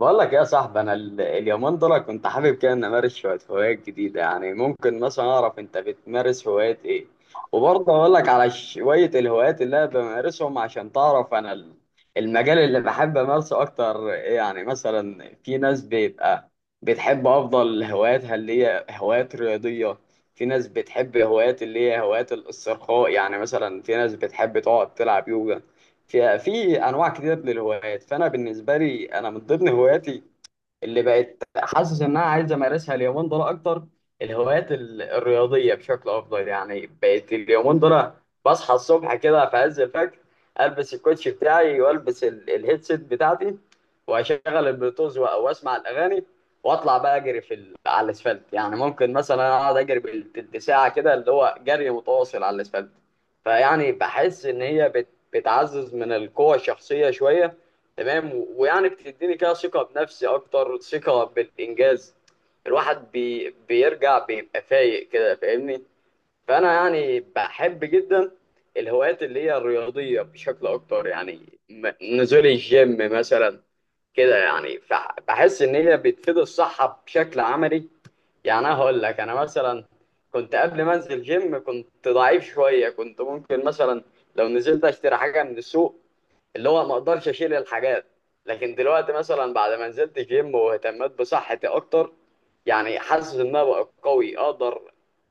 بقول لك إيه يا صاحبي، انا اليومين دول كنت حابب كده ان امارس شويه هوايات جديده. يعني ممكن مثلا اعرف انت بتمارس هوايات ايه؟ وبرضه اقول لك على شويه الهوايات اللي انا بمارسهم عشان تعرف انا المجال اللي بحب امارسه اكتر إيه. يعني مثلا في ناس بيبقى بتحب افضل هواياتها اللي هي هوايات رياضيه، في ناس بتحب هوايات اللي هي هوايات الاسترخاء، يعني مثلا في ناس بتحب تقعد تلعب يوجا. في انواع كتير للهوايات. فانا بالنسبه لي انا من ضمن هواياتي اللي بقت حاسس انها عايزه امارسها اليومين دول اكتر الهوايات الرياضيه بشكل افضل. يعني بقت اليومين دول بصحى الصبح كده في عز الفجر، البس الكوتش بتاعي والبس الهيدسيت بتاعتي، واشغل البلوتوز واسمع الاغاني، واطلع بقى اجري في على الاسفلت. يعني ممكن مثلا اقعد اجري بالتلت ساعه كده، اللي هو جري متواصل على الاسفلت. فيعني بحس ان هي بتعزز من القوه الشخصيه شويه، تمام، ويعني بتديني كده ثقة بنفسي أكتر، ثقة بالإنجاز. الواحد بيرجع بيبقى فايق كده فاهمني. فأنا يعني بحب جدا الهوايات اللي هي الرياضية بشكل أكتر، يعني نزول الجيم مثلا كده. يعني بحس إن هي بتفيد الصحة بشكل عملي. يعني أنا هقول لك انا مثلا كنت قبل ما انزل جيم كنت ضعيف شويه، كنت ممكن مثلا لو نزلت اشتري حاجه من السوق، اللي هو ما اقدرش اشيل الحاجات. لكن دلوقتي مثلا بعد ما نزلت جيم واهتميت بصحتي اكتر يعني حاسس ان انا بقى قوي، اقدر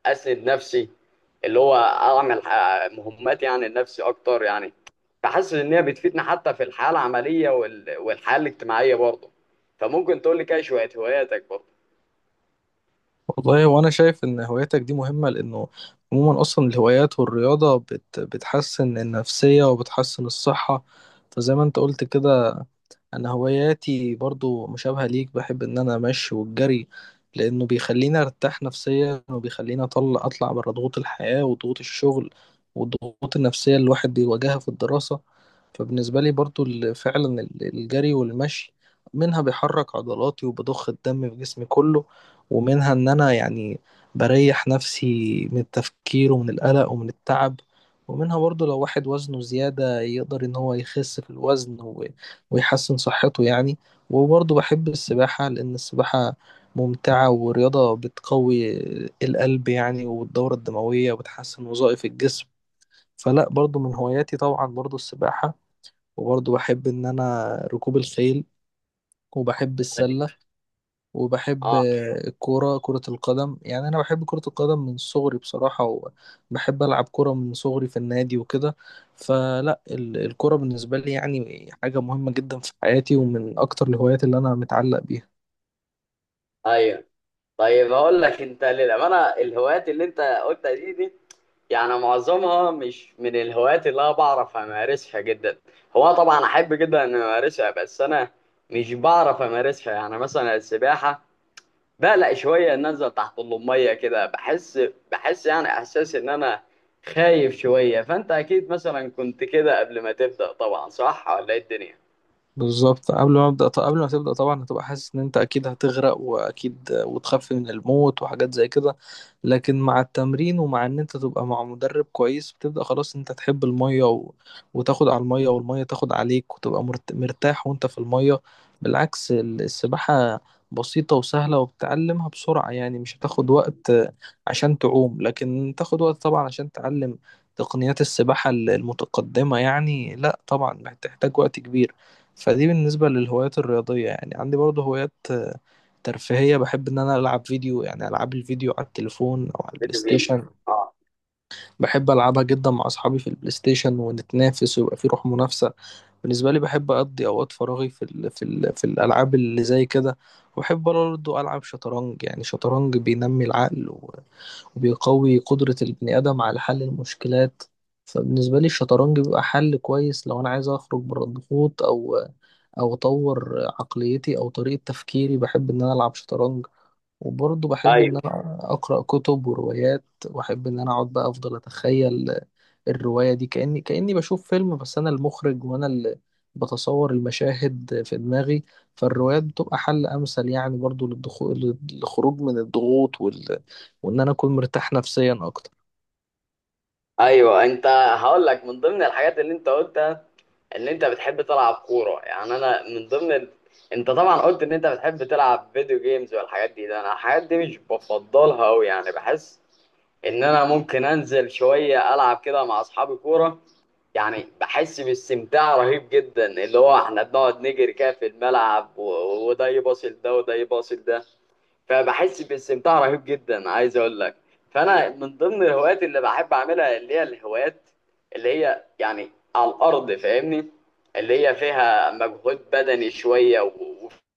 اسند نفسي، اللي هو اعمل مهمات يعني لنفسي اكتر يعني. فحاسس ان هي بتفيدني حتى في الحياه العمليه والحياه الاجتماعيه برضه. فممكن تقول لي كده شويه هواياتك برضه؟ والله وانا شايف ان هواياتك دي مهمة لانه عموما اصلا الهوايات والرياضة بتحسن النفسية وبتحسن الصحة. فزي ما انت قلت كده، انا هواياتي برضو مشابهة ليك. بحب ان انا امشي والجري لانه بيخليني ارتاح نفسيا وبيخليني اطلع بره ضغوط الحياة وضغوط الشغل والضغوط النفسية اللي الواحد بيواجهها في الدراسة. فبالنسبة لي برضو الجري والمشي منها بيحرك عضلاتي وبضخ الدم في جسمي كله، ومنها ان انا يعني بريح نفسي من التفكير ومن القلق ومن التعب، ومنها برضو لو واحد وزنه زيادة يقدر ان هو يخس في الوزن ويحسن صحته يعني. وبرضه بحب السباحة لأن السباحة ممتعة ورياضة بتقوي القلب يعني والدورة الدموية وبتحسن وظائف الجسم. فلا برضه من هواياتي طبعا برضه السباحة، وبرضه بحب إن أنا ركوب الخيل، وبحب أيوة. السلة، وبحب الكورة، كرة القدم. يعني أنا بحب كرة القدم من صغري بصراحة، وبحب ألعب كرة من صغري في النادي وكده. فلا الكرة بالنسبة لي يعني حاجة مهمة جدا في حياتي ومن أكتر الهوايات اللي أنا متعلق بيها. ايوه. طيب اقول لك انت للامانه، الهوايات اللي انت قلتها دي يعني معظمها مش من الهوايات اللي انا بعرف امارسها جدا. هو طبعا احب جدا ان امارسها بس انا مش بعرف امارسها. يعني مثلا السباحه، بقلق شويه ان انزل تحت الميه كده بحس. يعني احساس ان انا خايف شويه. فانت اكيد مثلا كنت كده قبل ما تبدا طبعا، صح ولا ايه الدنيا؟ بالظبط قبل ما ابدا، قبل ما تبدا طبعا هتبقى حاسس ان انت اكيد هتغرق واكيد وتخاف من الموت وحاجات زي كده، لكن مع التمرين ومع ان انت تبقى مع مدرب كويس بتبدا خلاص انت تحب الميه وتاخد على الميه والميه تاخد عليك وتبقى مرتاح وانت في الميه. بالعكس السباحه بسيطه وسهله وبتتعلمها بسرعه، يعني مش هتاخد وقت عشان تعوم، لكن تاخد وقت طبعا عشان تعلم تقنيات السباحه المتقدمه. يعني لا طبعا بتحتاج وقت كبير. فدي بالنسبة للهوايات الرياضية. يعني عندي برضه هوايات ترفيهية. بحب إن أنا ألعب فيديو، يعني ألعاب الفيديو على التليفون أو على البلاي فيديو جيمز. ستيشن. اه. بحب ألعبها جدا مع أصحابي في البلاي ستيشن ونتنافس ويبقى في روح منافسة. بالنسبة لي بحب أقضي أوقات فراغي في الألعاب اللي زي كده. وبحب برضه ألعب شطرنج. يعني شطرنج بينمي العقل وبيقوي قدرة البني آدم على حل المشكلات. فبالنسبة لي الشطرنج بيبقى حل كويس لو أنا عايز أخرج بره الضغوط، أو او اطور عقليتي او طريقة تفكيري بحب ان انا العب شطرنج. وبرضه بحب ان ايوه. انا اقرا كتب وروايات، واحب ان انا اقعد بقى افضل اتخيل الرواية دي كاني بشوف فيلم، بس انا المخرج وانا اللي بتصور المشاهد في دماغي. فالروايات بتبقى حل امثل يعني برضه للخروج من الضغوط وان انا اكون مرتاح نفسيا اكتر. ايوه هقول لك من ضمن الحاجات اللي انت قلتها ان انت بتحب تلعب كوره. يعني انا من ضمن انت طبعا قلت ان انت بتحب تلعب فيديو جيمز والحاجات دي، ده انا الحاجات دي مش بفضلها قوي. يعني بحس ان انا ممكن انزل شويه العب كده مع اصحابي كوره. يعني بحس باستمتاع رهيب جدا، اللي هو احنا بنقعد نجري كده في الملعب وده يباصل ده وده يباصل ده. فبحس باستمتاع رهيب جدا، عايز اقول لك. فانا من ضمن الهوايات اللي بحب اعملها اللي هي الهوايات اللي هي يعني على الارض فاهمني، اللي هي فيها مجهود بدني شويه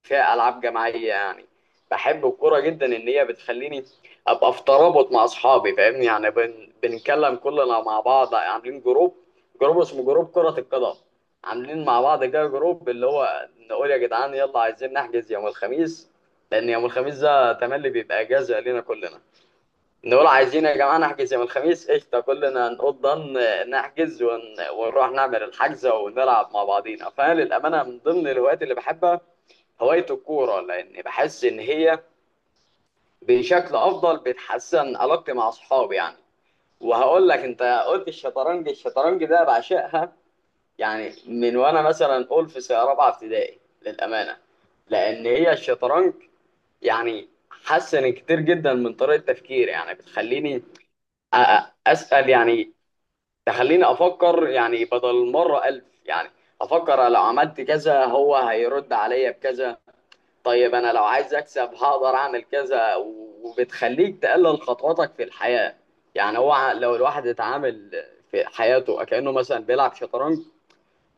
وفيها العاب جماعيه يعني. بحب الكوره جدا ان هي بتخليني ابقى في ترابط مع اصحابي فاهمني. يعني بنتكلم كلنا مع بعض عاملين جروب، جروب اسمه جروب كرة القدم. عاملين مع بعض كده جروب، اللي هو نقول يا جدعان يلا عايزين نحجز يوم الخميس، لان يوم الخميس ده تملي بيبقى اجازه لينا كلنا. نقول عايزين يا جماعه نحجز يوم الخميس، قشطه كلنا نقول ضن نحجز ونروح نعمل الحجزه ونلعب مع بعضينا. فانا للامانه من ضمن الهوايات اللي بحبها هوايه الكوره، لان بحس ان هي بشكل افضل بتحسن علاقتي مع اصحابي يعني. وهقول لك انت قلت الشطرنج، الشطرنج ده بعشقها. يعني من وانا مثلا اقول في سنه رابعه ابتدائي للامانه، لان هي الشطرنج يعني حسن كتير جدا من طريقه تفكيري. يعني بتخليني اسال يعني، تخليني افكر. يعني بدل مره الف يعني افكر لو عملت كذا هو هيرد عليا بكذا، طيب انا لو عايز اكسب هقدر اعمل كذا. وبتخليك تقلل خطواتك في الحياه. يعني هو لو الواحد اتعامل في حياته كانه مثلا بيلعب شطرنج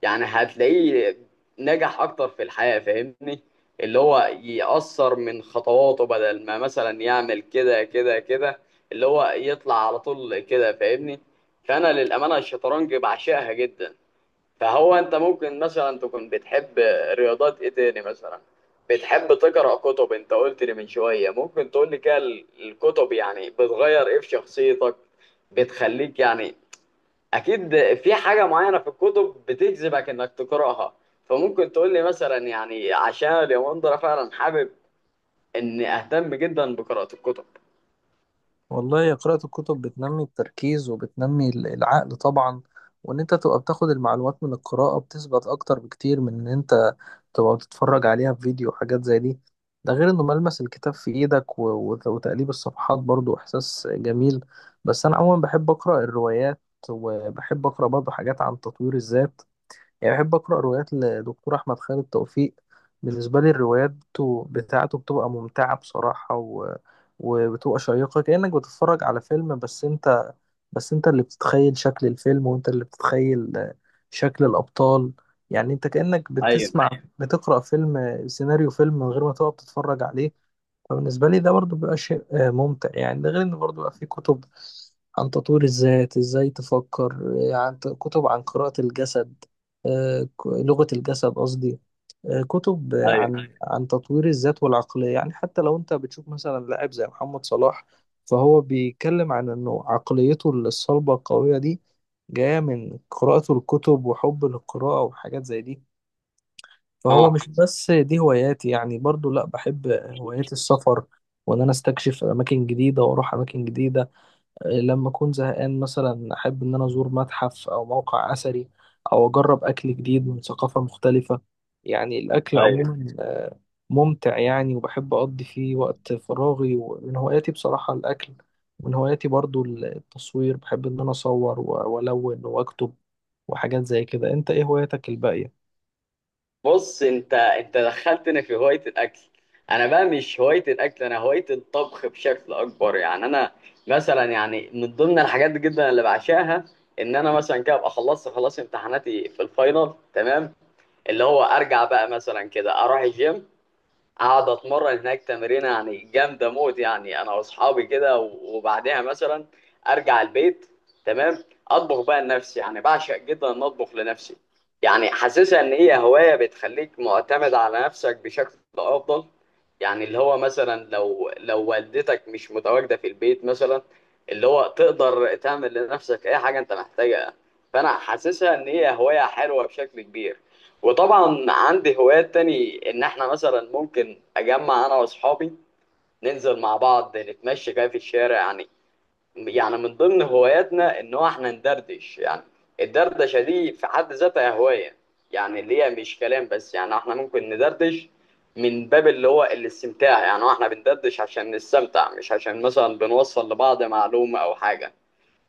يعني هتلاقيه نجح اكتر في الحياة فاهمني. اللي هو يأثر من خطواته بدل ما مثلا يعمل كده كده كده، اللي هو يطلع على طول كده فاهمني. فانا للأمانة الشطرنج بعشقها جدا. فهو انت ممكن مثلا تكون بتحب رياضات ايه تاني مثلا؟ بتحب تقرأ كتب انت قلت لي من شوية. ممكن تقول لي كده الكتب يعني بتغير ايه في شخصيتك، بتخليك يعني، اكيد في حاجه معينه في الكتب بتجذبك انك تقراها. فممكن تقول لي مثلا، يعني عشان اليومين دول فعلا حابب اني اهتم جدا بقراءه الكتب. والله يا، قراءة الكتب بتنمي التركيز وبتنمي العقل طبعا، وان انت تبقى بتاخد المعلومات من القراءة بتثبت اكتر بكتير من ان انت تبقى بتتفرج عليها في فيديو وحاجات زي دي. ده غير انه ملمس الكتاب في ايدك وتقليب الصفحات برضو احساس جميل. بس انا عموما بحب اقرأ الروايات، وبحب اقرأ برضو حاجات عن تطوير الذات. يعني بحب أقرأ روايات لدكتور أحمد خالد توفيق. بالنسبة لي الروايات بتاعته بتبقى ممتعة بصراحة وبتبقى شيقة كأنك بتتفرج على فيلم، بس أنت اللي بتتخيل شكل الفيلم وأنت اللي بتتخيل شكل الأبطال. يعني أنت كأنك ايوه. بتسمع، بتقرأ فيلم، سيناريو فيلم من غير ما تقعد تتفرج عليه. فبالنسبة لي ده برضو بيبقى شيء ممتع يعني. ده غير إن برضو بيبقى فيه كتب عن تطوير الذات إزاي تفكر، كتب عن قراءة الجسد، لغة الجسد قصدي. كتب ايوه. عن تطوير الذات والعقلية، يعني حتى لو أنت بتشوف مثلا لاعب زي محمد صلاح، فهو بيتكلم عن إنه عقليته الصلبة القوية دي جاية من قراءته الكتب وحب للقراءة وحاجات زي دي. فهو اه. مش بس دي هواياتي، يعني برضو لا، بحب هوايات السفر وان انا استكشف اماكن جديده واروح اماكن جديده. لما اكون زهقان مثلا احب ان انا ازور متحف او موقع اثري، او اجرب اكل جديد من ثقافه مختلفه. يعني الاكل ايوه. عموما ممتع يعني، وبحب اقضي فيه وقت فراغي، ومن هواياتي بصراحه الاكل. من هواياتي برضو التصوير، بحب ان انا اصور والون واكتب وحاجات زي كده. انت ايه هواياتك الباقيه؟ بص انت دخلتني في هوايه الاكل. انا بقى مش هوايه الاكل، انا هوايه الطبخ بشكل اكبر. يعني انا مثلا يعني من ضمن الحاجات جدا اللي بعشاها ان انا مثلا كده ابقى خلصت خلاص امتحاناتي في الفاينل تمام، اللي هو ارجع بقى مثلا كده اروح الجيم، اقعد اتمرن هناك تمرينه يعني جامده موت يعني انا واصحابي كده، وبعدها مثلا ارجع البيت تمام اطبخ بقى لنفسي. يعني بعشق جدا ان اطبخ لنفسي، يعني حاسسها ان هي هوايه بتخليك معتمد على نفسك بشكل افضل. يعني اللي هو مثلا لو والدتك مش متواجده في البيت مثلا، اللي هو تقدر تعمل لنفسك اي حاجه انت محتاجها. فانا حاسسها ان هي هوايه حلوه بشكل كبير. وطبعا عندي هوايات تاني ان احنا مثلا ممكن اجمع انا واصحابي ننزل مع بعض نتمشى كده في الشارع يعني. يعني من ضمن هواياتنا ان هو احنا ندردش. يعني الدردشة دي في حد ذاتها هواية، يعني اللي هي مش كلام بس. يعني احنا ممكن ندردش من باب اللي هو الاستمتاع، يعني هو احنا بندردش عشان نستمتع مش عشان مثلا بنوصل لبعض معلومة او حاجة.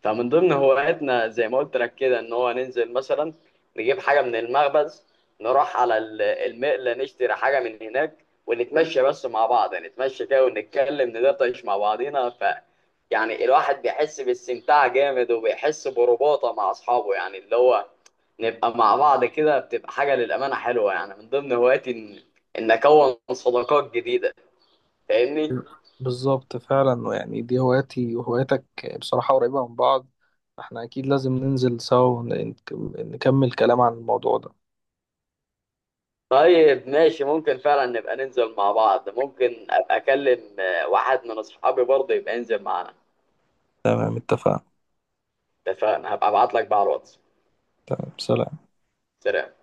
فمن ضمن هواياتنا زي ما قلت لك كده ان هو ننزل مثلا نجيب حاجه من المخبز، نروح على المقله نشتري حاجه من هناك ونتمشى بس مع بعض. يعني نتمشى كده ونتكلم ندردش مع بعضينا. يعني الواحد بيحس باستمتاع جامد وبيحس برباطه مع اصحابه. يعني اللي هو نبقى مع بعض كده بتبقى حاجه للامانه حلوه. يعني من ضمن هواياتي ان اكون صداقات جديده فاهمني. بالظبط، فعلا يعني دي هواياتي وهواياتك بصراحة قريبة من بعض. احنا أكيد لازم ننزل سوا ونكمل كلام عن الموضوع ده. طيب ماشي، ممكن فعلا نبقى ننزل مع بعض، ممكن ابقى اكلم واحد من اصحابي برضه يبقى ينزل معانا. تمام اتفقنا. اتفقنا هبقى ابعت لك بقى على الواتس. تمام، سلام. سلام.